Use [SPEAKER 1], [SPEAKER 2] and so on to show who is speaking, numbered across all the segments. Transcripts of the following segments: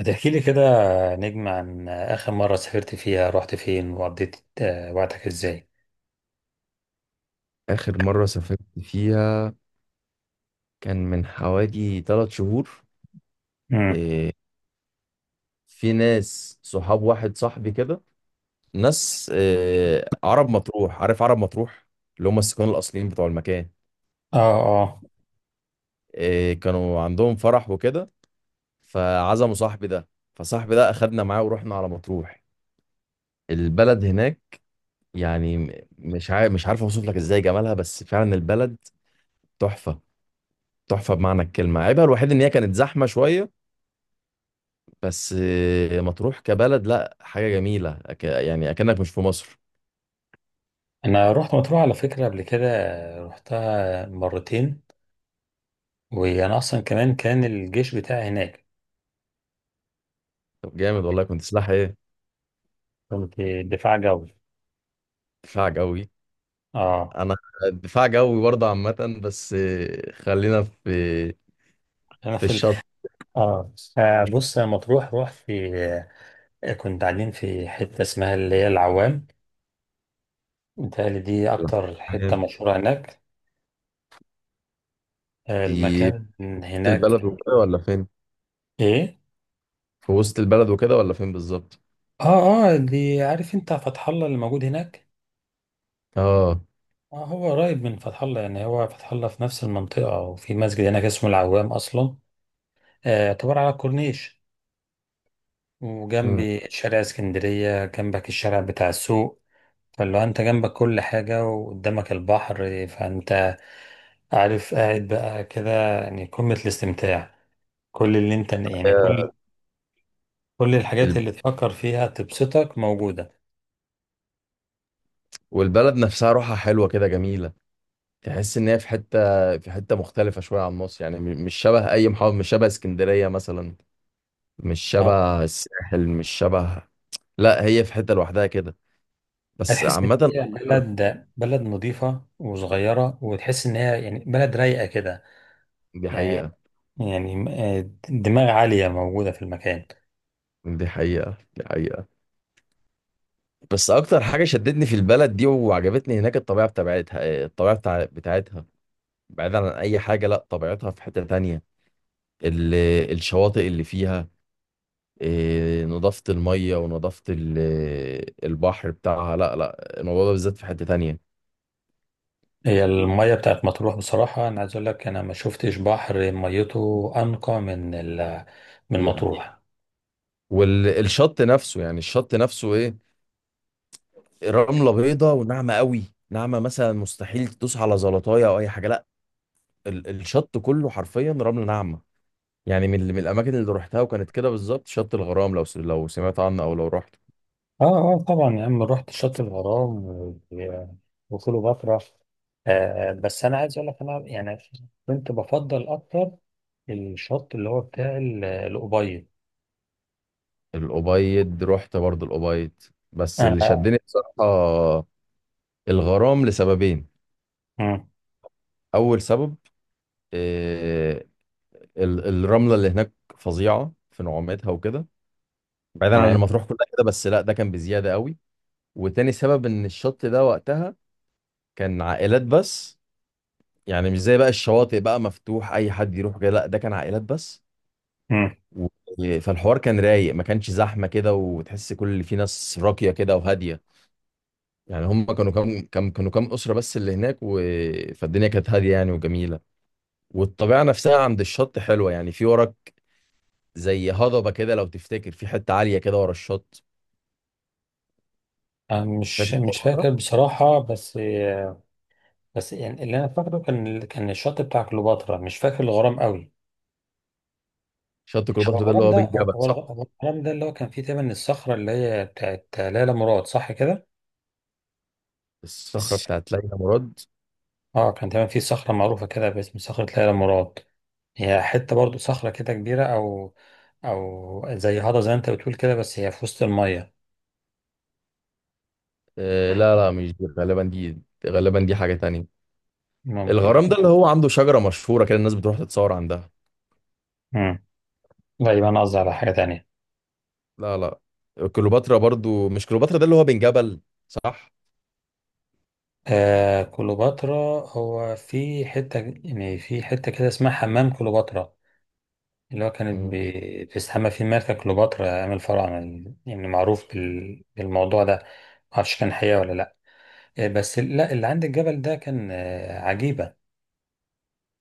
[SPEAKER 1] هتحكي لي كده، نجم عن آخر مرة سافرت فيها، رحت فين وقضيت وقتك ازاي؟
[SPEAKER 2] آخر مرة سافرت فيها كان من حوالي ثلاث شهور.
[SPEAKER 1] امم.
[SPEAKER 2] إيه، في ناس صحاب، واحد صاحبي كده، ناس إيه، عرب مطروح، عارف عرب مطروح اللي هم السكان الأصليين بتوع المكان.
[SPEAKER 1] اه. اه،
[SPEAKER 2] إيه، كانوا عندهم فرح وكده، فعزموا صاحبي ده، فصاحبي ده أخدنا معاه ورحنا على مطروح البلد هناك. يعني مش عارف أوصف لك إزاي جمالها، بس فعلا البلد تحفة. تحفة بمعنى الكلمة. عيبها الوحيد إن هي كانت زحمة شوية، بس مطروح كبلد، لا، حاجة جميلة، يعني أكنك مش في مصر.
[SPEAKER 1] انا رحت مطروح على فكرة قبل كده. رحتها مرتين. وانا اصلا كمان كان الجيش بتاعي هناك.
[SPEAKER 2] طب جامد والله، كنت سلاح إيه؟
[SPEAKER 1] كنت دفاع جوي.
[SPEAKER 2] دفاع جوي.
[SPEAKER 1] اه.
[SPEAKER 2] أنا دفاع جوي برضه، عامة، بس خلينا في
[SPEAKER 1] انا
[SPEAKER 2] في
[SPEAKER 1] في ال...
[SPEAKER 2] الشط.
[SPEAKER 1] اه. بص، انا مطروح رحت في، كنت قاعدين في حتة اسمها اللي هي العوام. متهيألي دي اكتر حتة
[SPEAKER 2] تمام.
[SPEAKER 1] مشهورة هناك.
[SPEAKER 2] دي في
[SPEAKER 1] المكان
[SPEAKER 2] وسط
[SPEAKER 1] هناك.
[SPEAKER 2] البلد وكده ولا فين؟
[SPEAKER 1] ايه.
[SPEAKER 2] في وسط البلد وكده ولا فين بالظبط؟
[SPEAKER 1] اه، اه، دي، عارف انت فتح الله اللي موجود هناك.
[SPEAKER 2] اه.
[SPEAKER 1] اه، هو قريب من فتح الله، يعني هو فتح الله في نفس المنطقة، وفي مسجد هناك اسمه العوام أصلا. يعتبر على الكورنيش،
[SPEAKER 2] مم.
[SPEAKER 1] وجنبي شارع اسكندرية، جنبك الشارع بتاع السوق. فاللي هو انت جنبك كل حاجة وقدامك البحر، فانت عارف قاعد بقى كده، يعني قمة الاستمتاع. كل اللي انت يعني
[SPEAKER 2] هي
[SPEAKER 1] كل كل الحاجات
[SPEAKER 2] ال-
[SPEAKER 1] اللي تفكر فيها تبسطك موجودة.
[SPEAKER 2] والبلد نفسها روحها حلوة كده، جميلة. تحس إن هي في حتة مختلفة شوية عن مصر. يعني مش شبه أي محافظة، مش شبه اسكندرية مثلا، مش
[SPEAKER 1] اه.
[SPEAKER 2] شبه الساحل، مش شبه، لا هي في حتة لوحدها كده. بس
[SPEAKER 1] هتحس ان
[SPEAKER 2] عامة
[SPEAKER 1] هي بلد نظيفه وصغيره، وتحس ان هي يعني بلد رايقه كده.
[SPEAKER 2] دي
[SPEAKER 1] يعني
[SPEAKER 2] حقيقة،
[SPEAKER 1] يعني دماغ عاليه موجوده في المكان.
[SPEAKER 2] دي حقيقة. دي حقيقة. بس أكتر حاجة شدتني في البلد دي وعجبتني هناك الطبيعة بتاعتها. الطبيعة بتاعتها، بعيدا عن أي حاجة، لا طبيعتها في حتة تانية. ال... الشواطئ اللي فيها، نظافة المية ونظافة البحر بتاعها، لا لا، الموضوع ده بالذات في حتة تانية.
[SPEAKER 1] هي الميه بتاعت مطروح بصراحه، انا عايز اقول لك انا ما شفتش بحر ميته انقى من
[SPEAKER 2] حقيقة.
[SPEAKER 1] مطروح.
[SPEAKER 2] والشط نفسه، يعني الشط نفسه، إيه، رمله بيضه وناعمه قوي. ناعمه مثلا، مستحيل تدوس على زلطايه او اي حاجه، لا، الشط كله حرفيا رمله ناعمه. يعني من الاماكن اللي روحتها وكانت كده بالظبط شط الغرام، لو سمعت عنه او لو رحت.
[SPEAKER 1] اه. اه طبعا يا عم، رحت شط الغرام وكليوباترا. بس انا عايز اقول لك، انا يعني كنت بفضل اكتر الشط اللي هو بتاع الأوبايد.
[SPEAKER 2] الأبيض، رحت برضه الأبيض، بس
[SPEAKER 1] آه.
[SPEAKER 2] اللي
[SPEAKER 1] آه.
[SPEAKER 2] شدني بصراحه الغرام لسببين.
[SPEAKER 1] مم.
[SPEAKER 2] اول سبب، آه، الرمله اللي هناك فظيعه في نعومتها وكده، بعيدا عن
[SPEAKER 1] تمام.
[SPEAKER 2] ما تروح كلها كده، بس لا، ده كان بزياده قوي. وتاني سبب، ان الشط ده وقتها كان عائلات بس. يعني مش زي بقى الشواطئ بقى مفتوح اي حد يروح جاي، لا ده كان عائلات بس.
[SPEAKER 1] مم.
[SPEAKER 2] و... فالحوار كان رايق، ما كانش زحمه كده، وتحس كل اللي فيه ناس راقيه كده وهاديه. يعني هم كانوا كام اسره بس اللي هناك. و... فالدنيا كانت هاديه، يعني، وجميله. والطبيعه نفسها عند الشط حلوه. يعني في وراك زي هضبه كده، لو تفتكر، في حته عاليه كده ورا الشط.
[SPEAKER 1] أنا
[SPEAKER 2] فاكر
[SPEAKER 1] مش
[SPEAKER 2] الموضوع
[SPEAKER 1] فاكر
[SPEAKER 2] ده؟
[SPEAKER 1] بصراحة، بس بس يعني اللي أنا فاكره كان الشط بتاع كليوباترا، مش فاكر الغرام قوي.
[SPEAKER 2] شط كليوباترا ده اللي هو بين جبل، صح.
[SPEAKER 1] هو الغرام ده اللي هو كان فيه تقريبا الصخرة اللي هي بتاعت ليلى مراد، صح كده؟
[SPEAKER 2] الصخره
[SPEAKER 1] بس.
[SPEAKER 2] بتاعت ليلى مراد.
[SPEAKER 1] اه كان تقريبا فيه صخرة معروفة كده باسم صخرة ليلى مراد. هي حتة برضو صخرة كده كبيرة، أو زي هذا زي ما أنت بتقول كده، بس هي في وسط المية.
[SPEAKER 2] آه، لا لا، مش دي، غالبا دي حاجه تانية.
[SPEAKER 1] ممكن.
[SPEAKER 2] الغرام ده اللي هو عنده شجرة مشهورة كده، الناس بتروح تتصور عندها.
[SPEAKER 1] مم. لا، يبقى أنا قصدي على حاجة تانية.
[SPEAKER 2] لا لا، كليوباترا برضو. مش كليوباترا ده اللي هو بن جبل؟ صح.
[SPEAKER 1] آه كليوباترا. هو في حتة يعني في حتة كده اسمها حمام كليوباترا، اللي هو كانت
[SPEAKER 2] مم.
[SPEAKER 1] بيستحمى فيه الملكة كليوباترا، عامل فرع من، يعني معروف بالموضوع ده. معرفش كان حقيقة ولا لأ. بس لا، اللي عند الجبل ده كان عجيبة.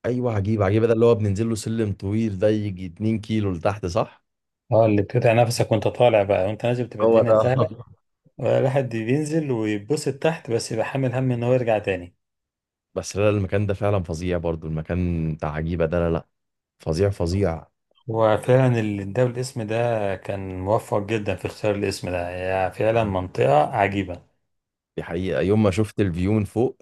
[SPEAKER 2] ايوه، عجيب. عجيب ده اللي هو بننزل له سلم طويل ده، يجي 2 كيلو لتحت، صح؟
[SPEAKER 1] اه، اللي بتقطع نفسك وانت طالع بقى، وانت نازل بتبقى
[SPEAKER 2] هو
[SPEAKER 1] الدنيا
[SPEAKER 2] ده
[SPEAKER 1] سهلة. الواحد بينزل ويتبسط تحت، بس يبقى حامل هم ان هو يرجع تاني.
[SPEAKER 2] بس لا، المكان ده فعلا فظيع، برضو المكان بتاع عجيبة ده، لا لا، فظيع فظيع.
[SPEAKER 1] وفعلا اللي اداه الاسم ده كان موفق جدا في اختيار الاسم ده. هي فعلا منطقة عجيبة.
[SPEAKER 2] دي حقيقة. يوم ما شفت الفيو من فوق،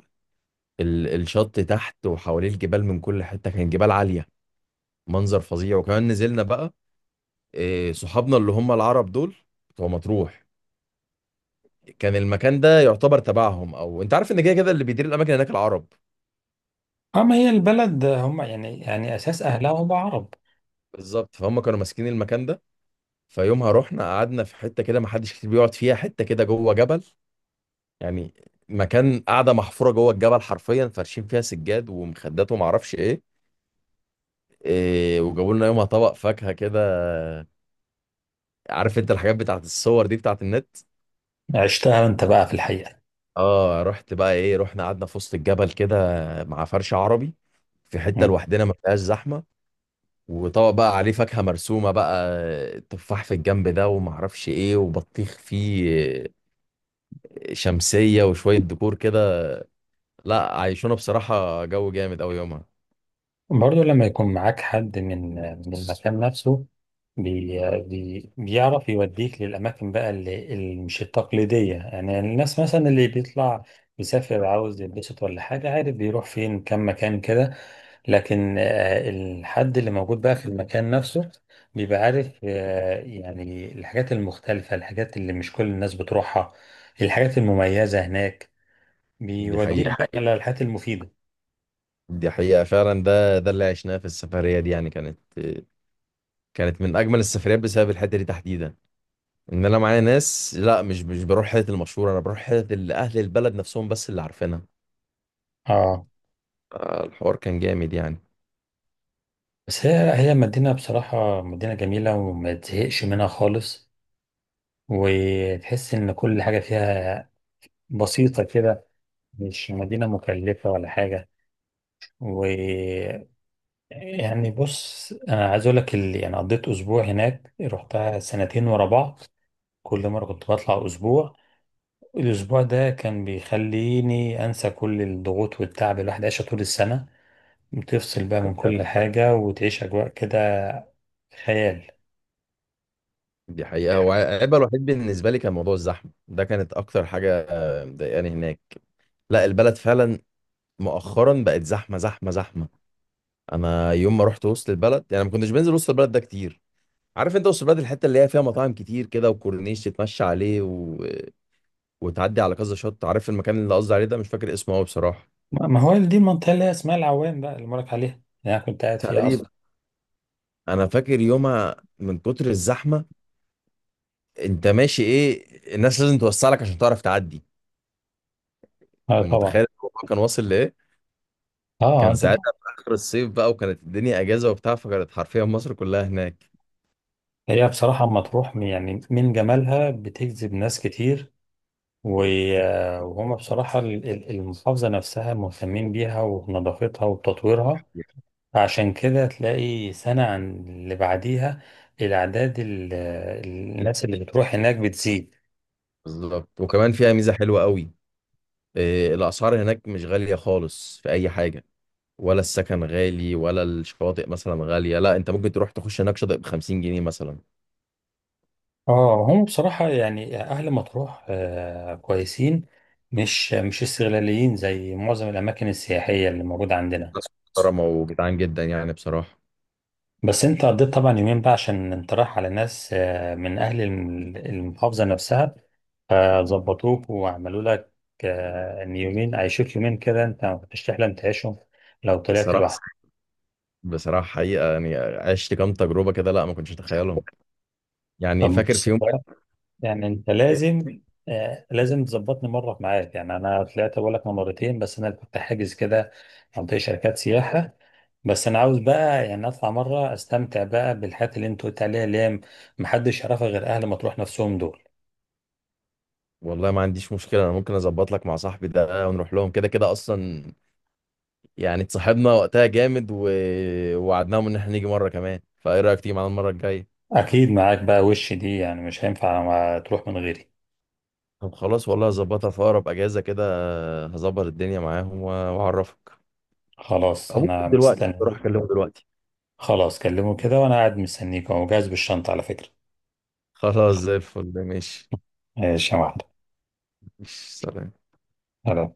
[SPEAKER 2] الشط تحت وحواليه الجبال من كل حتة، كان جبال عالية، منظر فظيع. وكمان نزلنا بقى، إيه، صحابنا اللي هم العرب دول بتوع مطروح كان المكان ده يعتبر تبعهم. او انت عارف ان كده كده اللي بيدير الاماكن هناك العرب.
[SPEAKER 1] اه، ما هي البلد هم، يعني اساس اهلها هم عرب.
[SPEAKER 2] بالظبط، فهم كانوا ماسكين المكان ده. فيومها رحنا قعدنا في حته كده ما حدش كتير بيقعد فيها، حته كده جوه جبل. يعني مكان، قاعده محفوره جوه الجبل حرفيا، فارشين فيها سجاد ومخدات وما اعرفش ايه. إيه، وجابوا لنا يومها طبق فاكهه كده. عارف انت الحاجات بتاعت الصور دي بتاعت النت؟
[SPEAKER 1] عشتها انت بقى في الحقيقه.
[SPEAKER 2] اه، رحت بقى ايه، رحنا قعدنا في وسط الجبل كده مع فرش عربي في حته
[SPEAKER 1] مم.
[SPEAKER 2] لوحدنا، ما فيهاش زحمه. وطبق بقى عليه فاكهة مرسومة بقى، تفاح في الجنب ده ومعرفش ايه وبطيخ فيه، شمسية وشوية ديكور كده. لا، عايشونا بصراحة جو جامد أوي يومها.
[SPEAKER 1] برضو لما يكون معاك حد من المكان نفسه، بي بي بيعرف يوديك للاماكن بقى اللي مش التقليديه، يعني الناس مثلا اللي بيطلع يسافر عاوز يتبسط ولا حاجه، عارف بيروح فين كم مكان كده. لكن الحد اللي موجود بقى في المكان نفسه بيبقى عارف، يعني الحاجات المختلفة، الحاجات اللي مش كل الناس بتروحها، الحاجات المميزة هناك.
[SPEAKER 2] دي
[SPEAKER 1] بيوديك دي بقى
[SPEAKER 2] حقيقة،
[SPEAKER 1] حقيقة على الحاجات المفيدة.
[SPEAKER 2] دي حقيقة. فعلا ده اللي عشناه في السفرية دي، يعني، كانت من أجمل السفريات بسبب الحتة دي تحديدا. إن أنا معايا ناس، لا مش بروح حتة المشهورة، أنا بروح حتة اللي أهل البلد نفسهم بس اللي عارفينها.
[SPEAKER 1] اه.
[SPEAKER 2] الحوار كان جامد، يعني.
[SPEAKER 1] بس هي مدينة بصراحة، مدينة جميلة وما تزهقش منها خالص. وتحس إن كل حاجة فيها بسيطة كده. مش مدينة مكلفة ولا حاجة. و... يعني بص، انا عايز اقول لك، اللي يعني قضيت اسبوع هناك، رحتها سنتين ورا بعض. كل مره كنت بطلع اسبوع. الاسبوع ده كان بيخليني انسى كل الضغوط والتعب اللي الواحد عايشه طول السنه. بتفصل بقى من كل حاجه، وتعيش اجواء كده خيال.
[SPEAKER 2] دي حقيقة. هو عيبها الوحيد بالنسبة لي كان موضوع الزحمة ده، كانت أكتر حاجة مضايقاني هناك. لا البلد فعلا مؤخرا بقت زحمة زحمة زحمة. أنا يوم ما رحت وسط البلد، يعني، ما كنتش بنزل وسط البلد ده كتير. عارف أنت وسط البلد الحتة اللي هي فيها مطاعم كتير كده وكورنيش تتمشى عليه و... وتعدي على كذا شط. عارف المكان اللي قصدي عليه ده مش فاكر اسمه أوي بصراحة.
[SPEAKER 1] ما هو دي المنطقه اللي هي اسمها العوام بقى، اللي بقولك عليها، اللي انا كنت قاعد فيها
[SPEAKER 2] تقريبا.
[SPEAKER 1] اصلا.
[SPEAKER 2] أنا فاكر يومها من كتر الزحمة، أنت ماشي، إيه، الناس لازم توسع لك عشان تعرف تعدي.
[SPEAKER 1] اه طبعا.
[SPEAKER 2] ومتخيل الموضوع كان واصل لإيه،
[SPEAKER 1] اه،
[SPEAKER 2] كان
[SPEAKER 1] انت
[SPEAKER 2] ساعتها في اخر الصيف بقى وكانت الدنيا اجازه وبتاع، فكانت حرفيا مصر كلها هناك.
[SPEAKER 1] هي بصراحه اما تروح، يعني من جمالها بتجذب ناس كتير. وهم بصراحة المحافظة نفسها مهتمين بيها، ونظافتها وتطويرها. عشان كده تلاقي سنة عن اللي بعديها الأعداد ال- الناس اللي بتروح هناك بتزيد.
[SPEAKER 2] بالظبط. وكمان فيها ميزه حلوه قوي. إيه، الاسعار هناك مش غاليه خالص في اي حاجه، ولا السكن غالي ولا الشواطئ مثلا غاليه. لا، انت ممكن تروح تخش هناك شاطئ ب 50 جنيه مثلا.
[SPEAKER 1] اه، هم بصراحة يعني أهل مطروح كويسين، مش استغلاليين زي معظم الأماكن السياحية اللي موجودة عندنا.
[SPEAKER 2] ناس محترمه وجدعان جدا، يعني، بصراحه.
[SPEAKER 1] بس أنت قضيت طبعا يومين بقى، عشان أنت رايح على ناس من أهل المحافظة نفسها، فظبطوك وعملوا لك ان يومين، عيشوك يومين كده انت ما كنتش تحلم تعيشهم لو طلعت
[SPEAKER 2] بصراحه
[SPEAKER 1] لوحدك.
[SPEAKER 2] بصراحه حقيقه، يعني، عشت كام تجربه كده لا ما كنتش اتخيلهم. يعني
[SPEAKER 1] طب
[SPEAKER 2] فاكر
[SPEAKER 1] بص
[SPEAKER 2] في يوم
[SPEAKER 1] بقى،
[SPEAKER 2] من
[SPEAKER 1] يعني انت
[SPEAKER 2] الأيام-
[SPEAKER 1] لازم تظبطني مره معاك. يعني انا طلعت بقول لك مرتين، بس انا كنت حاجز كده منطقه شركات سياحه. بس انا عاوز بقى يعني اطلع مره استمتع بقى بالحاجات اللي انت قلت عليها، اللي هي محدش يعرفها غير اهل مطروح نفسهم دول.
[SPEAKER 2] والله ما عنديش مشكله، انا ممكن اظبط لك مع صاحبي ده ونروح لهم كده كده اصلا. يعني اتصاحبنا وقتها جامد و... ووعدناهم ان احنا نيجي مره كمان، فايه رايك تيجي معانا المره الجايه؟
[SPEAKER 1] اكيد معاك بقى، وش دي يعني مش هينفع ما تروح من غيري.
[SPEAKER 2] طب خلاص، والله هظبطها في اقرب اجازه كده. هظبط الدنيا معاهم واعرفك.
[SPEAKER 1] خلاص،
[SPEAKER 2] أو ممكن
[SPEAKER 1] انا
[SPEAKER 2] دلوقتي اروح
[SPEAKER 1] مستني.
[SPEAKER 2] اكلمه دلوقتي.
[SPEAKER 1] خلاص، كلمه كده وانا قاعد مستنيك اهو جاهز بالشنطة على فكرة.
[SPEAKER 2] خلاص، زي الفل، ماشي.
[SPEAKER 1] ماشي يا
[SPEAKER 2] ماشي، سلام.
[SPEAKER 1] معلم.